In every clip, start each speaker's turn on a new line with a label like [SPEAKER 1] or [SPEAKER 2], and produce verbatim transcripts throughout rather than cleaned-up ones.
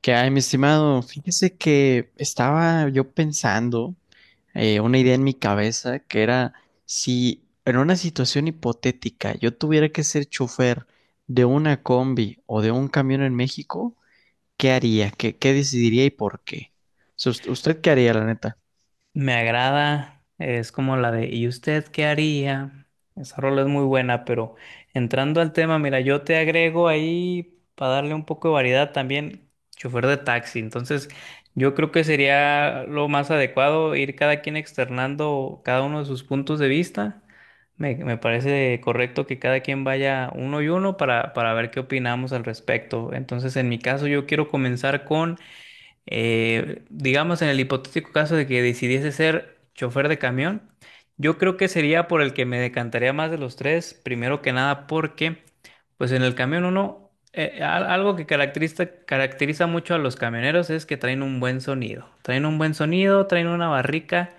[SPEAKER 1] ¿Qué hay, mi estimado? Fíjese que estaba yo pensando eh, una idea en mi cabeza que era si en una situación hipotética yo tuviera que ser chofer de una combi o de un camión en México, ¿qué haría? ¿Qué, qué decidiría y por qué? O sea, ¿Usted usted qué haría, la neta?
[SPEAKER 2] Me agrada, es como la de "¿Y usted qué haría?". Esa rola es muy buena, pero entrando al tema, mira, yo te agrego ahí para darle un poco de variedad también, chofer de taxi. Entonces, yo creo que sería lo más adecuado ir cada quien externando cada uno de sus puntos de vista. Me, me parece correcto que cada quien vaya uno y uno para, para ver qué opinamos al respecto. Entonces, en mi caso, yo quiero comenzar con eh, digamos, en el hipotético caso de que decidiese ser chofer de camión, yo creo que sería por el que me decantaría más de los tres, primero que nada porque, pues en el camión uno, eh, al- algo que caracteriza, caracteriza mucho a los camioneros es que traen un buen sonido, traen un buen sonido, traen una barrica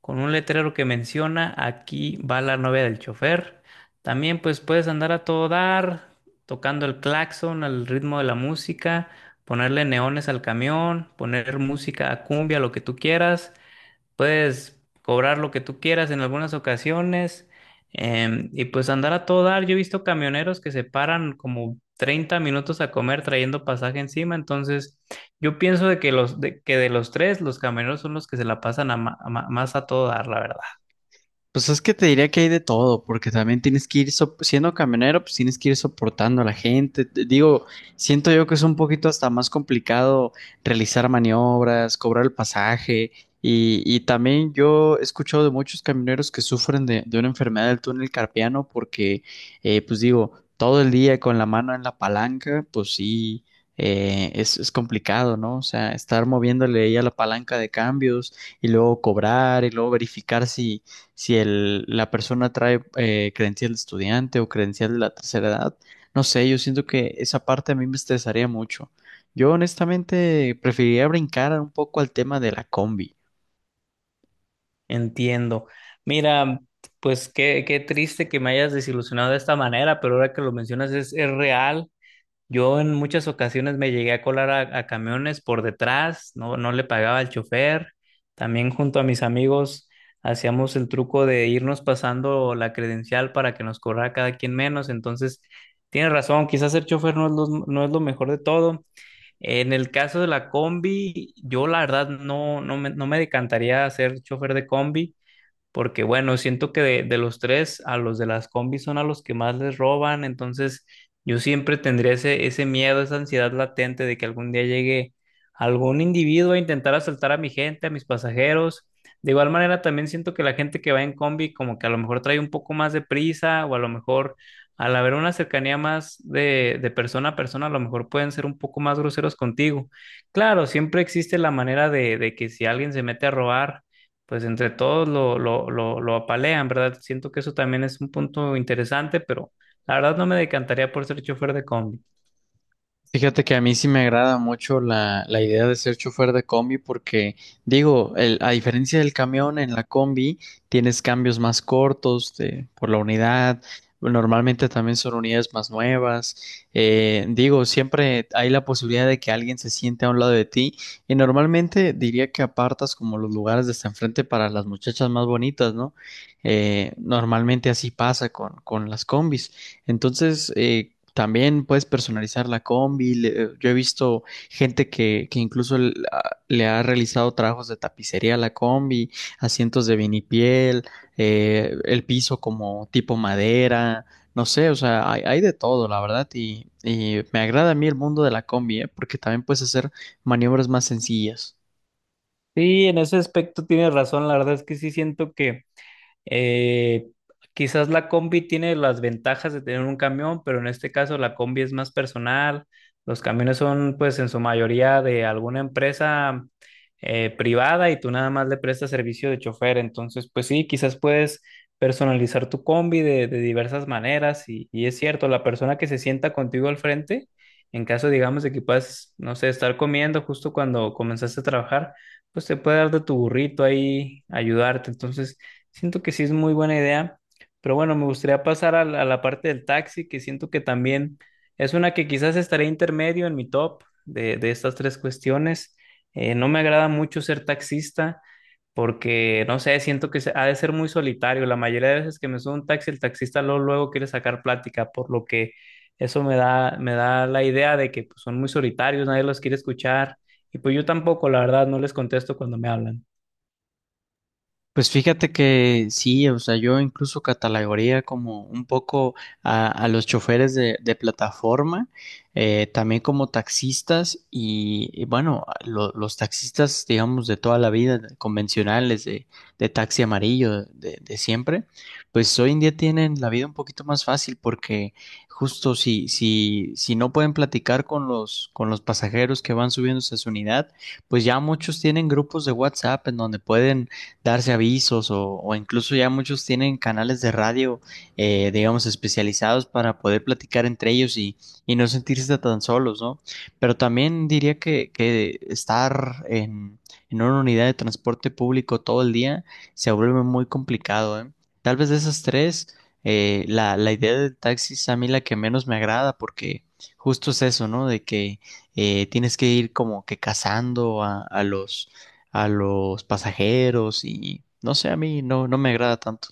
[SPEAKER 2] con un letrero que menciona, aquí va la novia del chofer. También pues puedes andar a todo dar, tocando el claxon al ritmo de la música, ponerle neones al camión, poner música a cumbia, lo que tú quieras, puedes cobrar lo que tú quieras en algunas ocasiones, em, y pues andar a todo dar. Yo he visto camioneros que se paran como treinta minutos a comer trayendo pasaje encima, entonces yo pienso de que los de, que de los tres, los camioneros son los que se la pasan a ma- a ma- más a todo dar, la verdad.
[SPEAKER 1] Pues es que te diría que hay de todo, porque también tienes que ir, sop- siendo camionero, pues tienes que ir soportando a la gente. Te digo, siento yo que es un poquito hasta más complicado realizar maniobras, cobrar el pasaje, y, y también yo he escuchado de muchos camioneros que sufren de, de una enfermedad del túnel carpiano, porque, eh, pues digo, todo el día con la mano en la palanca, pues sí, eh, es, es complicado, ¿no? O sea, estar moviéndole ahí a la palanca de cambios y luego cobrar y luego verificar si si el, la persona trae eh, credencial de estudiante o credencial de la tercera edad. No sé, yo siento que esa parte a mí me estresaría mucho. Yo honestamente preferiría brincar un poco al tema de la combi.
[SPEAKER 2] Entiendo. Mira, pues qué, qué triste que me hayas desilusionado de esta manera, pero ahora que lo mencionas es, es real. Yo en muchas ocasiones me llegué a colar a, a camiones por detrás, no, no le pagaba al chofer. También junto a mis amigos hacíamos el truco de irnos pasando la credencial para que nos corra cada quien menos. Entonces, tienes razón, quizás ser chofer no es lo, no es lo mejor de todo. En el caso de la combi, yo la verdad no, no me, no me decantaría a ser chofer de combi. Porque bueno, siento que de, de los tres, a los de las combis son a los que más les roban, entonces yo siempre tendría ese, ese miedo, esa ansiedad latente de que algún día llegue algún individuo a intentar asaltar a mi gente, a mis pasajeros. De igual manera, también siento que la gente que va en combi como que a lo mejor trae un poco más de prisa o a lo mejor al haber una cercanía más de, de persona a persona, a lo mejor pueden ser un poco más groseros contigo. Claro, siempre existe la manera de, de que si alguien se mete a robar, pues entre todos lo, lo, lo, lo apalean, ¿verdad? Siento que eso también es un punto interesante, pero la verdad no me decantaría por ser chofer de combi.
[SPEAKER 1] Fíjate que a mí sí me agrada mucho la, la idea de ser chofer de combi porque, digo, el- a diferencia del camión, en la combi tienes cambios más cortos de- por la unidad, normalmente también son unidades más nuevas, eh, digo, siempre hay la posibilidad de que alguien se siente a un lado de ti y normalmente diría que apartas como los lugares de hasta enfrente para las muchachas más bonitas, ¿no? Eh, normalmente así pasa con, con las combis. Entonces, eh, también puedes personalizar la combi. Le- yo he visto gente que, que incluso l- a- le ha realizado trabajos de tapicería a la combi, asientos de vinipiel, eh, el piso como tipo madera. No sé, o sea, hay, hay de todo, la verdad, y, y me agrada a mí el mundo de la combi, ¿eh? Porque también puedes hacer maniobras más sencillas.
[SPEAKER 2] Sí, en ese aspecto tienes razón, la verdad es que sí siento que Eh, quizás la combi tiene las ventajas de tener un camión, pero en este caso la combi es más personal. Los camiones son pues en su mayoría de alguna empresa eh, privada y tú nada más le prestas servicio de chofer. Entonces, pues sí, quizás puedes personalizar tu combi de, de diversas maneras y, y es cierto, la persona que se sienta contigo al frente, en caso digamos de que puedas, no sé, estar comiendo justo cuando comenzaste a trabajar, pues te puede dar de tu burrito ahí, ayudarte. Entonces, siento que sí es muy buena idea, pero bueno, me gustaría pasar a la, a la parte del taxi, que siento que también es una que quizás estaría intermedio en mi top de, de estas tres cuestiones. Eh, no me agrada mucho ser taxista porque, no sé, siento que se- ha de ser muy solitario. La mayoría de veces que me subo a un taxi, el taxista luego, luego quiere sacar plática, por lo que eso me da, me da la idea de que pues, son muy solitarios, nadie los quiere escuchar y pues yo tampoco, la verdad, no les contesto cuando me hablan.
[SPEAKER 1] Pues fíjate que sí, o sea, yo incluso catalogaría como un poco a, a los choferes de, de plataforma, eh, también como taxistas y, y bueno, lo- los taxistas, digamos, de toda la vida, de- convencionales, de, de taxi amarillo, de, de siempre, pues hoy en día tienen la vida un poquito más fácil porque justo si, si, si no pueden platicar con los, con los pasajeros que van subiéndose a su unidad, pues ya muchos tienen grupos de WhatsApp en donde pueden darse avisos o, o incluso ya muchos tienen canales de radio, eh, digamos, especializados para poder platicar entre ellos y, y no sentirse tan solos, ¿no? Pero también diría que, que estar en, en una unidad de transporte público todo el día se vuelve muy complicado, ¿eh? Tal vez de esas tres, eh, la, la idea del taxi es a mí la que menos me agrada porque justo es eso, ¿no? De que eh, tienes que ir como que cazando a, a los a los pasajeros y no sé, a mí no, no me agrada tanto.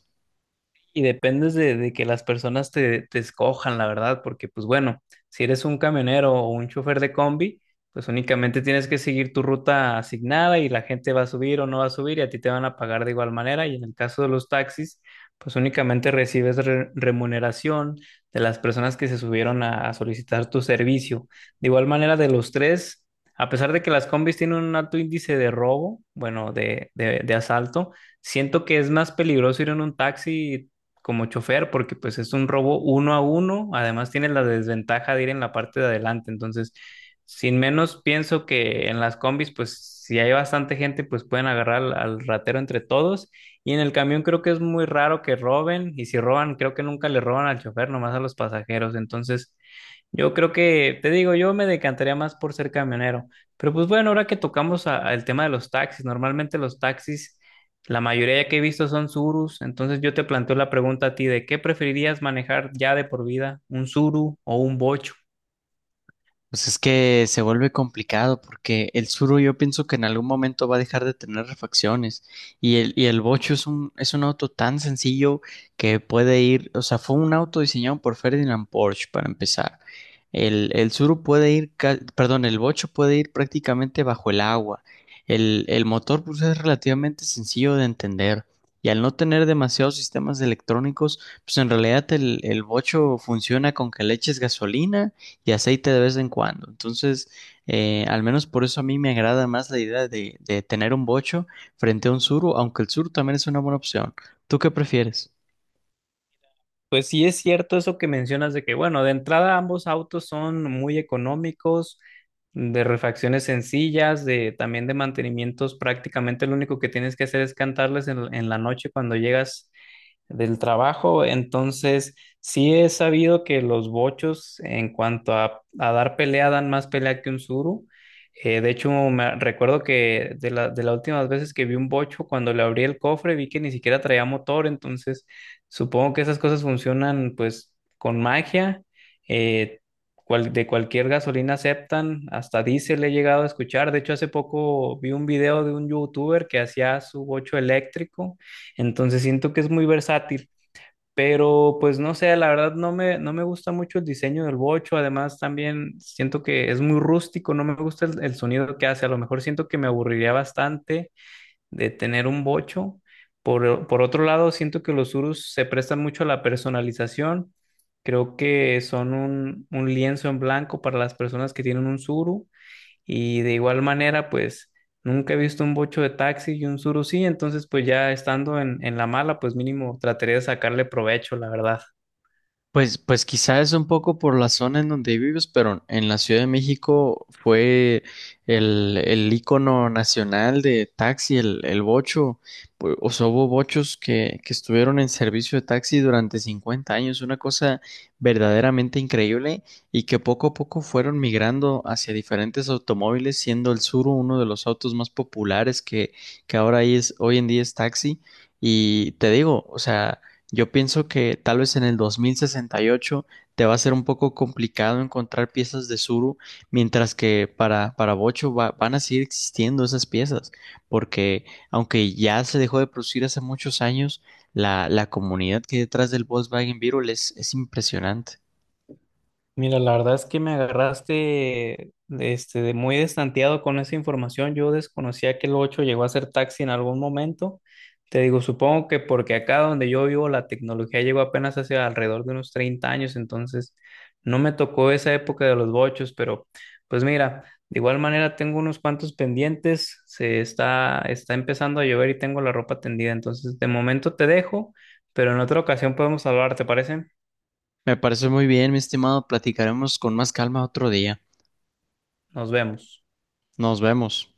[SPEAKER 2] Y dependes de, de que las personas te, te escojan, la verdad, porque pues bueno, si eres un camionero o un chofer de combi, pues únicamente tienes que seguir tu ruta asignada y la gente va a subir o no va a subir y a ti te van a pagar de igual manera. Y en el caso de los taxis, pues únicamente recibes re- remuneración de las personas que se subieron a, a solicitar tu servicio. De igual manera, de los tres, a pesar de que las combis tienen un alto índice de robo, bueno, de, de de asalto, siento que es más peligroso ir en un taxi como chofer, porque pues es un robo uno a uno, además tiene la desventaja de ir en la parte de adelante, entonces, sin menos pienso que en las combis, pues si hay bastante gente, pues pueden agarrar al, al ratero entre todos, y en el camión creo que es muy raro que roben, y si roban, creo que nunca le roban al chofer, nomás a los pasajeros, entonces… Yo creo que, te digo, yo me decantaría más por ser camionero. Pero pues bueno, ahora que tocamos a- al tema de los taxis, normalmente los taxis la mayoría que he visto son Surus, entonces yo te planteo la pregunta a ti de qué preferirías manejar ya de por vida, ¿un Suru o un Bocho?
[SPEAKER 1] Pues es que se vuelve complicado porque el Suro yo pienso que en algún momento va a dejar de tener refacciones y el, y el Bocho es un, es un auto tan sencillo que puede ir, o sea, fue un auto diseñado por Ferdinand Porsche para empezar. El, el Tsuru puede ir, ca- perdón, el Bocho puede ir prácticamente bajo el agua. El, el motor pues es relativamente sencillo de entender y al no tener demasiados sistemas electrónicos, pues en realidad el, el Bocho funciona con que le eches gasolina y aceite de vez en cuando. Entonces, eh, al menos por eso a mí me agrada más la idea de, de tener un Bocho frente a un Suro, aunque el Suru también es una buena opción. ¿Tú qué prefieres?
[SPEAKER 2] Pues sí es cierto eso que mencionas de que, bueno, de entrada ambos autos son muy económicos, de refacciones sencillas, de también de mantenimientos, prácticamente lo único que tienes que hacer es cantarles en, en la noche cuando llegas del trabajo. Entonces, sí he sabido que los bochos en cuanto a, a dar pelea dan más pelea que un suru. Eh, de hecho, me recuerdo que de la, de las últimas veces que vi un bocho, cuando le abrí el cofre, vi que ni siquiera traía motor. Entonces, supongo que esas cosas funcionan pues con magia. Eh, cual- de cualquier gasolina aceptan, hasta diésel he llegado a escuchar. De hecho, hace poco vi un video de un youtuber que hacía su bocho eléctrico, entonces siento que es muy versátil, pero pues no sé, la verdad no me, no me gusta mucho el diseño del bocho, además también siento que es muy rústico, no me gusta el, el sonido que hace, a lo mejor siento que me aburriría bastante de tener un bocho. Por, por otro lado, siento que los urus se prestan mucho a la personalización, creo que son un, un lienzo en blanco para las personas que tienen un suru y de igual manera, pues nunca he visto un bocho de taxi y un surusí, entonces pues ya estando en, en la mala, pues mínimo trataría de sacarle provecho, la verdad.
[SPEAKER 1] Pues, pues quizás es un poco por la zona en donde vives, pero en la Ciudad de México fue el, el ícono nacional de taxi, el, el Bocho. Pu- O sea, hubo bochos que, que estuvieron en servicio de taxi durante cincuenta años, una cosa verdaderamente increíble y que poco a poco fueron migrando hacia diferentes automóviles, siendo el Suro uno de los autos más populares que, que ahora es, hoy en día es taxi. Y te digo, o sea... Yo pienso que tal vez en el dos mil sesenta y ocho te va a ser un poco complicado encontrar piezas de Zuru, mientras que para, para Bocho va- van a seguir existiendo esas piezas, porque aunque ya se dejó de producir hace muchos años, la, la comunidad que hay detrás del Volkswagen Beetle es, es impresionante.
[SPEAKER 2] Mira, la verdad es que me agarraste este, de muy destanteado con esa información. Yo desconocía que el ocho llegó a ser taxi en algún momento. Te digo, supongo que porque acá donde yo vivo la tecnología llegó apenas hace alrededor de unos treinta años, entonces no me tocó esa época de los bochos, pero pues mira, de igual manera tengo unos cuantos pendientes, se está, está empezando a llover y tengo la ropa tendida, entonces de momento te dejo, pero en otra ocasión podemos hablar, ¿te parece?
[SPEAKER 1] Me parece muy bien, mi estimado, platicaremos con más calma otro día.
[SPEAKER 2] Nos vemos.
[SPEAKER 1] Nos vemos.